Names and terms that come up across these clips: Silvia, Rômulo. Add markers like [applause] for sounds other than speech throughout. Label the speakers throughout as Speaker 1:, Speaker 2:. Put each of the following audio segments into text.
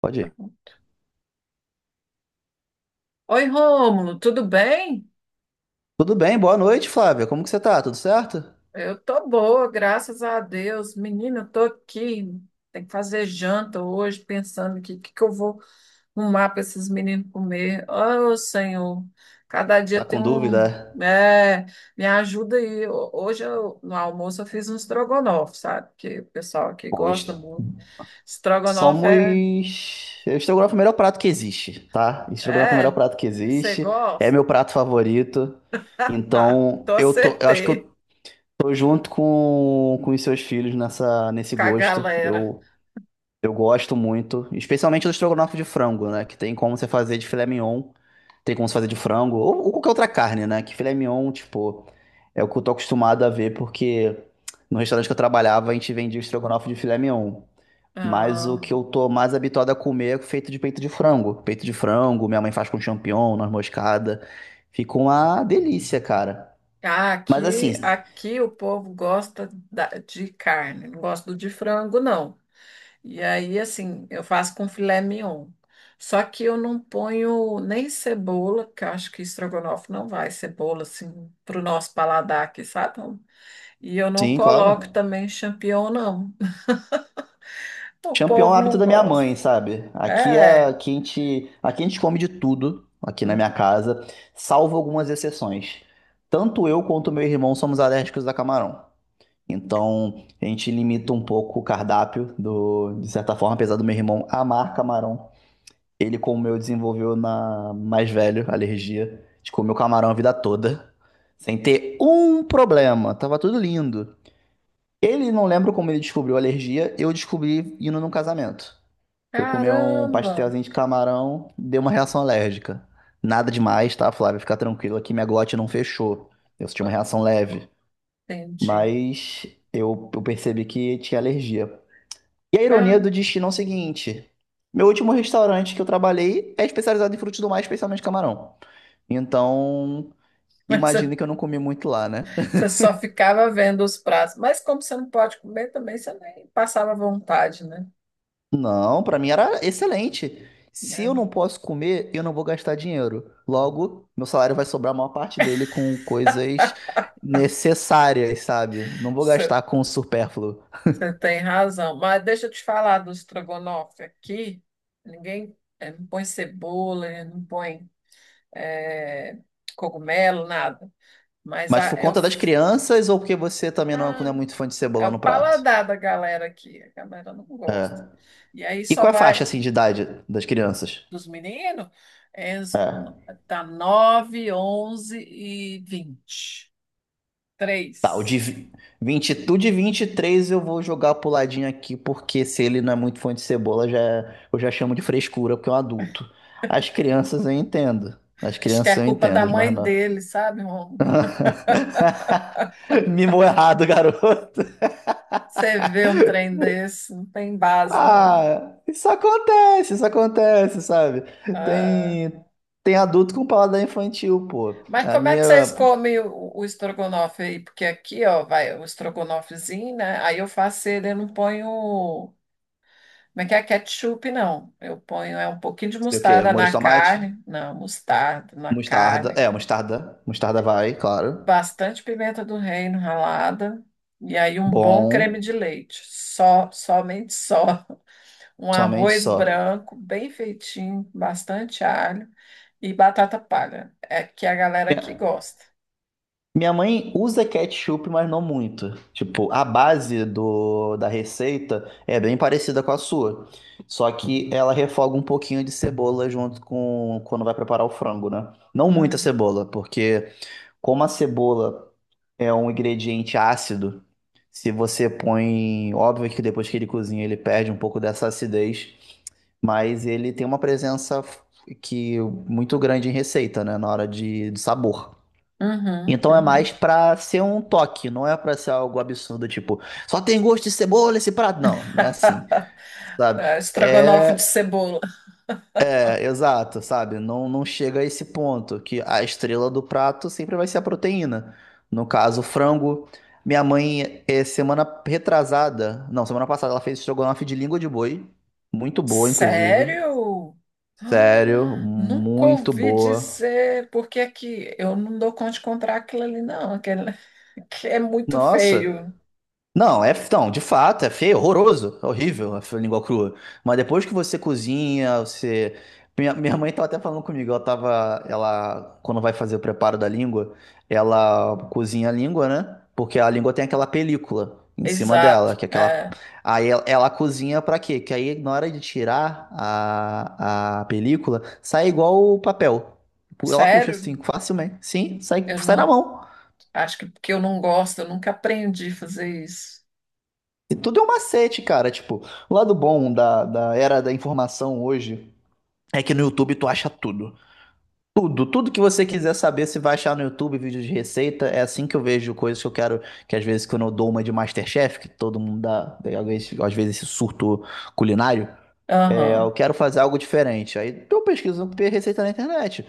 Speaker 1: Pode ir.
Speaker 2: Oi, Rômulo, tudo bem?
Speaker 1: Tudo bem, boa noite, Flávia. Como que você tá? Tudo certo?
Speaker 2: Eu tô boa, graças a Deus. Menina, eu tô aqui, tem que fazer janta hoje, pensando que que eu vou arrumar para esses meninos comer. Oh, Senhor, cada dia
Speaker 1: Tá
Speaker 2: tem
Speaker 1: com
Speaker 2: um,
Speaker 1: dúvida?
Speaker 2: é, me ajuda aí. Hoje no almoço eu fiz um estrogonofe, sabe? Que o pessoal aqui gosta
Speaker 1: Pois.
Speaker 2: muito. Estrogonofe é,
Speaker 1: Somos. O Estrogonofe é o melhor prato que existe, tá? Estrogonofe é o melhor
Speaker 2: é,
Speaker 1: prato que
Speaker 2: você
Speaker 1: existe. É
Speaker 2: gosta?
Speaker 1: meu prato
Speaker 2: [laughs]
Speaker 1: favorito. Então,
Speaker 2: tô
Speaker 1: eu tô. Eu acho que
Speaker 2: acertei
Speaker 1: eu tô junto com os seus filhos nessa, nesse
Speaker 2: com a
Speaker 1: gosto.
Speaker 2: galera.
Speaker 1: Eu gosto muito. Especialmente do estrogonofe de frango, né? Que tem como você fazer de filé mignon. Tem como se fazer de frango, ou qualquer outra carne, né? Que filé mignon, tipo, é o que eu tô acostumado a ver, porque no restaurante que eu trabalhava, a gente vendia o estrogonofe de filé mignon. Mas o
Speaker 2: Ah.
Speaker 1: que eu tô mais habituado a comer é feito de peito de frango. Peito de frango, minha mãe faz com champignon, noz moscada. Fica uma delícia, cara.
Speaker 2: Ah,
Speaker 1: Mas assim,
Speaker 2: aqui o povo gosta de carne, não gosta do de frango, não. E aí, assim, eu faço com filé mignon. Só que eu não ponho nem cebola, que eu acho que estrogonofe não vai cebola, assim, pro nosso paladar aqui, sabe? Então, e eu não
Speaker 1: sim,
Speaker 2: coloco
Speaker 1: claro.
Speaker 2: também champignon, não. [laughs] O
Speaker 1: Champion é um
Speaker 2: povo
Speaker 1: hábito
Speaker 2: não
Speaker 1: da minha mãe,
Speaker 2: gosta.
Speaker 1: sabe? Aqui, a,
Speaker 2: É.
Speaker 1: aqui, a gente, aqui a gente come de tudo, aqui na minha casa, salvo algumas exceções. Tanto eu quanto meu irmão somos alérgicos a camarão. Então, a gente limita um pouco o cardápio, de certa forma, apesar do meu irmão amar camarão. Ele, como eu, desenvolveu na mais velho alergia. A gente comeu camarão a vida toda, sem ter um problema. Tava tudo lindo. Ele não lembra como ele descobriu a alergia, eu descobri indo num casamento. Eu comi um
Speaker 2: Caramba!
Speaker 1: pastelzinho de camarão, deu uma reação alérgica. Nada demais, tá, Flávia? Fica tranquila que minha glote não fechou. Eu senti uma reação leve.
Speaker 2: Entendi.
Speaker 1: Mas eu percebi que tinha alergia. E a ironia
Speaker 2: Cara,
Speaker 1: do destino é o seguinte: meu último restaurante que eu trabalhei é especializado em frutos do mar, especialmente camarão. Então,
Speaker 2: mas
Speaker 1: imagina
Speaker 2: [laughs]
Speaker 1: que eu não comi muito lá, né?
Speaker 2: você só ficava vendo os pratos. Mas como você não pode comer também, você nem passava vontade, né?
Speaker 1: Não, pra mim era excelente. Se eu
Speaker 2: É,
Speaker 1: não posso comer, eu não vou gastar dinheiro. Logo, meu salário vai sobrar a maior parte dele com coisas necessárias, sabe? Não vou
Speaker 2: Você,
Speaker 1: gastar com o supérfluo.
Speaker 2: você tem razão. Mas deixa eu te falar do estrogonofe aqui. Ninguém não põe cebola, não põe eh, cogumelo, nada. Mas
Speaker 1: Mas por conta das crianças ou porque você também não é, não
Speaker 2: ah,
Speaker 1: é muito fã de
Speaker 2: é
Speaker 1: cebola no
Speaker 2: o
Speaker 1: prato?
Speaker 2: paladar da galera aqui. A galera não gosta.
Speaker 1: É.
Speaker 2: E aí
Speaker 1: E
Speaker 2: só
Speaker 1: qual é a faixa
Speaker 2: vai
Speaker 1: assim de idade das crianças?
Speaker 2: dos meninos, é,
Speaker 1: É.
Speaker 2: tá 9, 11 e vinte,
Speaker 1: Tá,
Speaker 2: Três.
Speaker 1: 20, tu de 23 eu vou jogar pro ladinho aqui, porque se ele não é muito fã de cebola, já, eu já chamo de frescura, porque é um adulto. As crianças eu entendo. As
Speaker 2: Acho que é
Speaker 1: crianças eu
Speaker 2: culpa da
Speaker 1: entendo, mas
Speaker 2: mãe
Speaker 1: não.
Speaker 2: dele, sabe, Rômulo?
Speaker 1: [laughs] Mimou errado, garoto.
Speaker 2: Você vê um trem desse, não tem base, não.
Speaker 1: Ah, isso acontece, sabe?
Speaker 2: Ah,
Speaker 1: Tem, tem adulto com paladar infantil, pô.
Speaker 2: mas
Speaker 1: A
Speaker 2: como é
Speaker 1: minha,
Speaker 2: que vocês comem o estrogonofe aí? Porque aqui, ó, vai o estrogonofezinho, né? Aí eu faço ele, eu não ponho, como é que é, ketchup, não. Eu ponho é um pouquinho de
Speaker 1: sei o quê,
Speaker 2: mostarda
Speaker 1: molho de
Speaker 2: na
Speaker 1: tomate?
Speaker 2: carne, não, mostarda na
Speaker 1: Mostarda.
Speaker 2: carne,
Speaker 1: É, mostarda. Mostarda vai, claro.
Speaker 2: bastante pimenta do reino ralada, e aí um bom creme
Speaker 1: Bom.
Speaker 2: de leite, só, somente só. Um
Speaker 1: Somente
Speaker 2: arroz
Speaker 1: só.
Speaker 2: branco, bem feitinho, bastante alho e batata palha, é que a galera que
Speaker 1: Minha-
Speaker 2: gosta.
Speaker 1: Minha mãe usa ketchup, mas não muito. Tipo, a base da receita é bem parecida com a sua. Só que ela refoga um pouquinho de cebola junto com quando vai preparar o frango, né? Não muita
Speaker 2: Hum,
Speaker 1: cebola, porque como a cebola é um ingrediente ácido, se você põe, óbvio que depois que ele cozinha, ele perde um pouco dessa acidez, mas ele tem uma presença que muito grande em receita, né? Na hora de sabor.
Speaker 2: uhum,
Speaker 1: Então é mais
Speaker 2: uhum.
Speaker 1: pra ser um toque, não é pra ser algo absurdo, tipo, só tem gosto de cebola esse prato. Não, não é assim,
Speaker 2: [laughs]
Speaker 1: sabe?
Speaker 2: É, estrogonofe de
Speaker 1: É,
Speaker 2: cebola.
Speaker 1: é, exato, sabe? Não, não chega a esse ponto, que a estrela do prato sempre vai ser a proteína. No caso, o frango. Minha mãe, semana retrasada, não, semana passada, ela fez estrogonofe de língua de boi. Muito boa, inclusive.
Speaker 2: Sério?
Speaker 1: Sério,
Speaker 2: Ah, nunca
Speaker 1: muito
Speaker 2: ouvi
Speaker 1: boa.
Speaker 2: dizer, porque é que eu não dou conta de comprar aquilo ali, não, aquele [laughs] que é muito
Speaker 1: Nossa.
Speaker 2: feio.
Speaker 1: Não, não, de fato, é feio, horroroso, é horrível a língua crua. Mas depois que você cozinha, você. Minha mãe tava até falando comigo, ela tava. Ela, quando vai fazer o preparo da língua, ela cozinha a língua, né? Porque a língua tem aquela película em cima dela,
Speaker 2: Exato.
Speaker 1: que é aquela.
Speaker 2: É.
Speaker 1: Aí ela cozinha pra quê? Que aí na hora de tirar a película, sai igual o papel. Ela puxa
Speaker 2: Sério?
Speaker 1: assim, facilmente. Sim, sai,
Speaker 2: Eu
Speaker 1: sai na
Speaker 2: não,
Speaker 1: mão.
Speaker 2: acho que porque eu não gosto, eu nunca aprendi a fazer isso.
Speaker 1: E tudo é um macete, cara. Tipo, o lado bom da era da informação hoje é que no YouTube tu acha tudo. Tudo, tudo que você quiser saber, você vai achar no YouTube, vídeo de receita. É assim que eu vejo coisas que eu quero, que às vezes quando eu dou uma de Masterchef, que todo mundo dá, às vezes esse surto culinário, eu quero fazer algo diferente. Aí eu pesquiso receita na internet.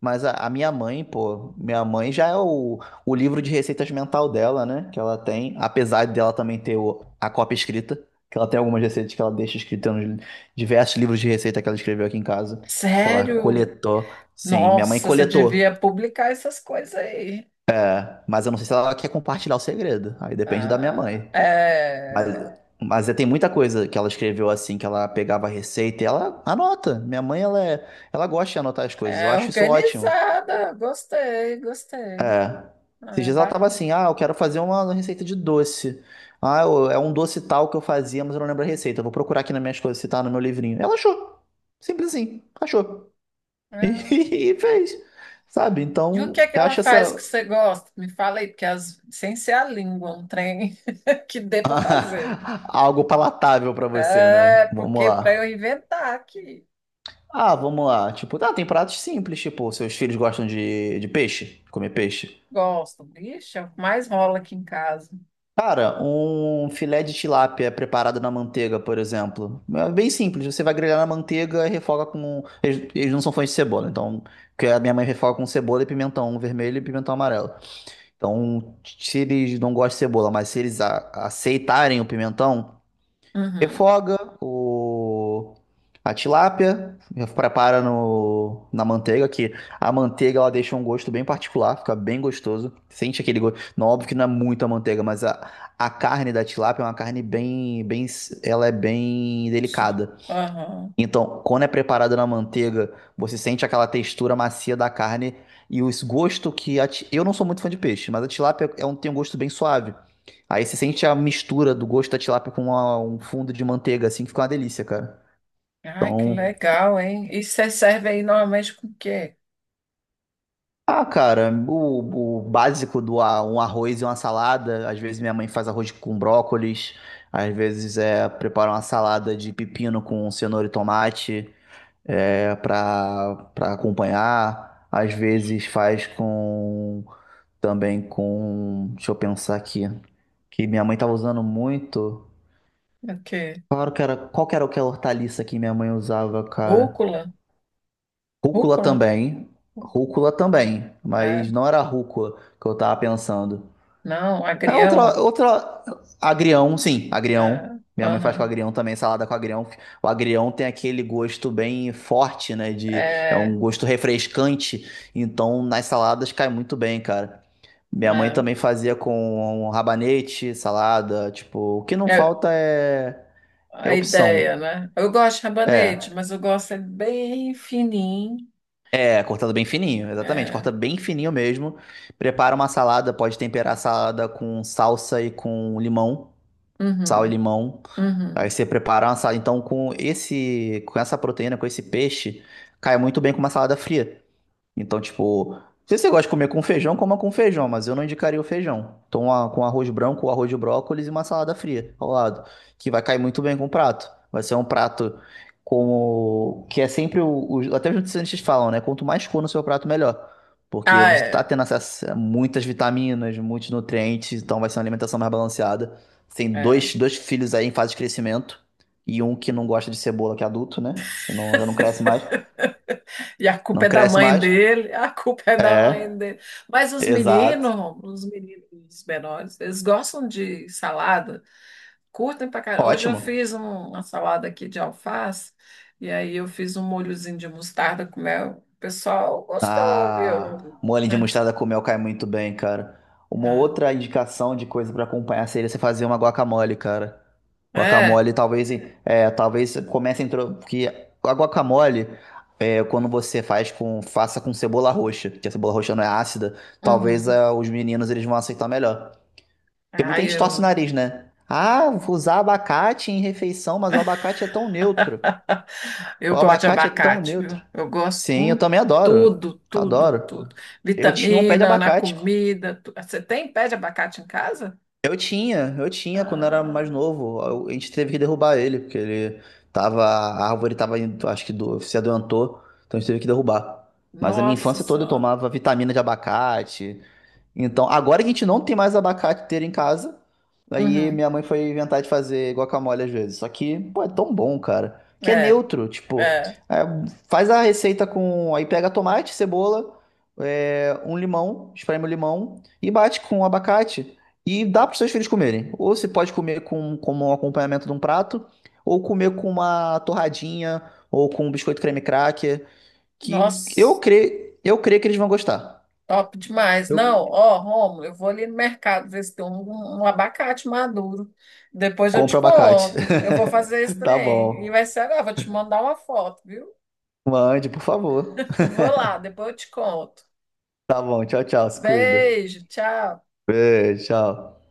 Speaker 1: Mas a minha mãe, pô, minha mãe já é o livro de receitas mental dela, né? Que ela tem, apesar dela também ter a cópia escrita, que ela tem algumas receitas que ela deixa escrita nos diversos livros de receita que ela escreveu aqui em casa, que ela
Speaker 2: Sério?
Speaker 1: coletou. Sim, minha mãe
Speaker 2: Nossa, você devia
Speaker 1: coletou,
Speaker 2: publicar essas coisas aí.
Speaker 1: mas eu não sei se ela quer compartilhar o segredo. Aí depende da minha
Speaker 2: Ah,
Speaker 1: mãe. Mas,
Speaker 2: é,
Speaker 1: mas tem muita coisa que ela escreveu assim, que ela pegava a receita e ela anota. Minha mãe, ela gosta de anotar as coisas. Eu
Speaker 2: é
Speaker 1: acho isso ótimo.
Speaker 2: organizada. Gostei, gostei.
Speaker 1: É. Esses
Speaker 2: Ah, é
Speaker 1: dias ela tava
Speaker 2: bacana.
Speaker 1: assim, ah, eu quero fazer uma receita de doce. Ah, é um doce tal que eu fazia, mas eu não lembro a receita. Eu vou procurar aqui nas minhas coisas se tá no meu livrinho. Ela achou. Simples assim, achou. [laughs]
Speaker 2: Ah,
Speaker 1: E, fez. Sabe?
Speaker 2: e o que
Speaker 1: Então,
Speaker 2: é que
Speaker 1: eu
Speaker 2: ela
Speaker 1: acho
Speaker 2: faz que
Speaker 1: essa
Speaker 2: você gosta? Me fala aí, porque sem ser a língua, um trem [laughs] que dê para fazer.
Speaker 1: [laughs] algo palatável pra você,
Speaker 2: É,
Speaker 1: né? Vamos
Speaker 2: porque para
Speaker 1: lá.
Speaker 2: eu inventar aqui.
Speaker 1: Ah, vamos lá. Tipo, ah, tem pratos simples, tipo, seus filhos gostam de peixe, comer peixe.
Speaker 2: Gosto. Ixi, é o que mais rola aqui em casa.
Speaker 1: Cara, um filé de tilápia preparado na manteiga, por exemplo. É bem simples. Você vai grelhar na manteiga e refoga com. Eles não são fãs de cebola, então. Porque a minha mãe refoga com cebola e pimentão vermelho e pimentão amarelo. Então, se eles não gostam de cebola, mas se eles aceitarem o pimentão,
Speaker 2: Uhum.
Speaker 1: refoga a tilápia, prepara no, na manteiga, que a manteiga ela deixa um gosto bem particular, fica bem gostoso. Sente aquele gosto. Não, óbvio que não é muita manteiga, mas a carne da tilápia é uma carne bem, bem, ela é bem
Speaker 2: Su-
Speaker 1: delicada.
Speaker 2: Aham.
Speaker 1: Então, quando é preparado na manteiga, você sente aquela textura macia da carne e o gosto que eu não sou muito fã de peixe, mas a tilápia é um, tem um gosto bem suave. Aí você sente a mistura do gosto da tilápia com um fundo de manteiga, assim, que fica uma delícia, cara.
Speaker 2: Ai, que
Speaker 1: Então,
Speaker 2: legal, hein? E você serve aí normalmente com o quê?
Speaker 1: ah, cara, o básico do um arroz e uma salada. Às vezes minha mãe faz arroz com brócolis, às vezes prepara uma salada de pepino com cenoura e tomate. Para acompanhar. Às vezes faz com também com, deixa eu pensar aqui, que minha mãe tava usando muito.
Speaker 2: O quê?
Speaker 1: Claro que era, qual que era aquela hortaliça que minha mãe usava, cara?
Speaker 2: Rúcula?
Speaker 1: Rúcula
Speaker 2: Rúcula?
Speaker 1: também. Rúcula também,
Speaker 2: É.
Speaker 1: mas não era rúcula que eu tava pensando.
Speaker 2: Não,
Speaker 1: É outra,
Speaker 2: agrião?
Speaker 1: outra. Agrião, sim, agrião.
Speaker 2: É.
Speaker 1: Minha mãe faz com
Speaker 2: Aham.
Speaker 1: agrião também, salada com agrião. O agrião tem aquele gosto bem forte, né? É
Speaker 2: É,
Speaker 1: um gosto refrescante. Então, nas saladas cai muito bem, cara. Minha mãe
Speaker 2: é.
Speaker 1: também fazia com rabanete, salada. Tipo, o que não
Speaker 2: É
Speaker 1: falta é
Speaker 2: a ideia,
Speaker 1: opção.
Speaker 2: né? Eu gosto de rabanete,
Speaker 1: É.
Speaker 2: mas eu gosto é bem fininho.
Speaker 1: É, cortado bem fininho, exatamente.
Speaker 2: É.
Speaker 1: Corta bem fininho mesmo. Prepara uma salada, pode temperar a salada com salsa e com limão, sal e
Speaker 2: Uhum.
Speaker 1: limão. Aí
Speaker 2: Uhum.
Speaker 1: você preparar uma salada, então, com essa proteína, com esse peixe, cai muito bem com uma salada fria. Então, tipo, se você gosta de comer com feijão, coma com feijão, mas eu não indicaria o feijão. Então, com arroz branco, arroz de brócolis e uma salada fria ao lado, que vai cair muito bem com o prato. Vai ser um prato que é sempre até os nutricionistas falam, né? Quanto mais cor no seu prato, melhor. Porque
Speaker 2: Ah,
Speaker 1: você tá
Speaker 2: é.
Speaker 1: tendo acesso a muitas vitaminas, muitos nutrientes, então vai ser uma alimentação mais balanceada. Tem
Speaker 2: É.
Speaker 1: dois filhos aí em fase de crescimento e um que não gosta de cebola, que é adulto, né? Que não, já não cresce
Speaker 2: [laughs]
Speaker 1: mais.
Speaker 2: E a culpa
Speaker 1: Não
Speaker 2: é da
Speaker 1: cresce
Speaker 2: mãe
Speaker 1: mais.
Speaker 2: dele, a culpa é da mãe
Speaker 1: É.
Speaker 2: dele. Mas
Speaker 1: Exato.
Speaker 2: os meninos menores, eles gostam de salada. Curtem pra caramba. Hoje eu
Speaker 1: Ótimo.
Speaker 2: fiz uma salada aqui de alface e aí eu fiz um molhozinho de mostarda com mel. O pessoal gostou, viu?
Speaker 1: Ah, molho de
Speaker 2: É.
Speaker 1: mostarda com mel cai muito bem, cara. Uma outra indicação de coisa pra acompanhar seria você fazer uma guacamole, cara.
Speaker 2: É, é.
Speaker 1: Guacamole, talvez, talvez comece a intro... porque a guacamole, quando você faz faça com cebola roxa, que a cebola roxa não é ácida, talvez
Speaker 2: Uhum.
Speaker 1: os meninos eles vão aceitar melhor. Porque muita
Speaker 2: Ai,
Speaker 1: gente torce o
Speaker 2: eu,
Speaker 1: nariz, né? Ah, vou usar abacate em refeição, mas o abacate é tão neutro.
Speaker 2: eu
Speaker 1: O
Speaker 2: gosto de
Speaker 1: abacate é tão
Speaker 2: abacate,
Speaker 1: neutro.
Speaker 2: viu? Eu gosto
Speaker 1: Sim, eu
Speaker 2: com
Speaker 1: também adoro.
Speaker 2: tudo, tudo,
Speaker 1: Adoro.
Speaker 2: tudo.
Speaker 1: Eu tinha um pé de
Speaker 2: Vitamina na
Speaker 1: abacate.
Speaker 2: comida. Você tem pé de abacate em casa?
Speaker 1: Eu tinha quando era mais
Speaker 2: Ah,
Speaker 1: novo. A gente teve que derrubar ele, porque ele tava. A árvore tava indo, acho que se adoentou, então a gente teve que derrubar. Mas a minha
Speaker 2: nossa
Speaker 1: infância toda eu
Speaker 2: Senhora.
Speaker 1: tomava vitamina de abacate. Então, agora que a gente não tem mais abacate inteiro em casa, aí
Speaker 2: Uhum.
Speaker 1: minha mãe foi inventar de fazer guacamole às vezes. Só que, pô, é tão bom, cara. Que é
Speaker 2: É,
Speaker 1: neutro, tipo,
Speaker 2: é.
Speaker 1: é, faz a receita com. Aí pega tomate, cebola, um limão, espreme o limão e bate com o abacate e dá para os seus filhos comerem. Ou você pode comer como um acompanhamento de um prato, ou comer com uma torradinha, ou com um biscoito creme cracker, que eu
Speaker 2: Nossa.
Speaker 1: creio, eu creio que eles vão gostar.
Speaker 2: Top demais. Não,
Speaker 1: Eu
Speaker 2: ó, Rômulo, eu vou ali no mercado ver se tem um abacate maduro. Depois eu te
Speaker 1: Compra abacate.
Speaker 2: conto. Eu vou
Speaker 1: [laughs]
Speaker 2: fazer esse
Speaker 1: Tá
Speaker 2: trem. E
Speaker 1: bom.
Speaker 2: vai ser agora. Vou te mandar uma foto, viu?
Speaker 1: Mande, por favor.
Speaker 2: [laughs] Vou lá, depois eu te conto.
Speaker 1: Tá bom. Tchau, tchau. Se cuida.
Speaker 2: Beijo, tchau.
Speaker 1: Beijo, tchau.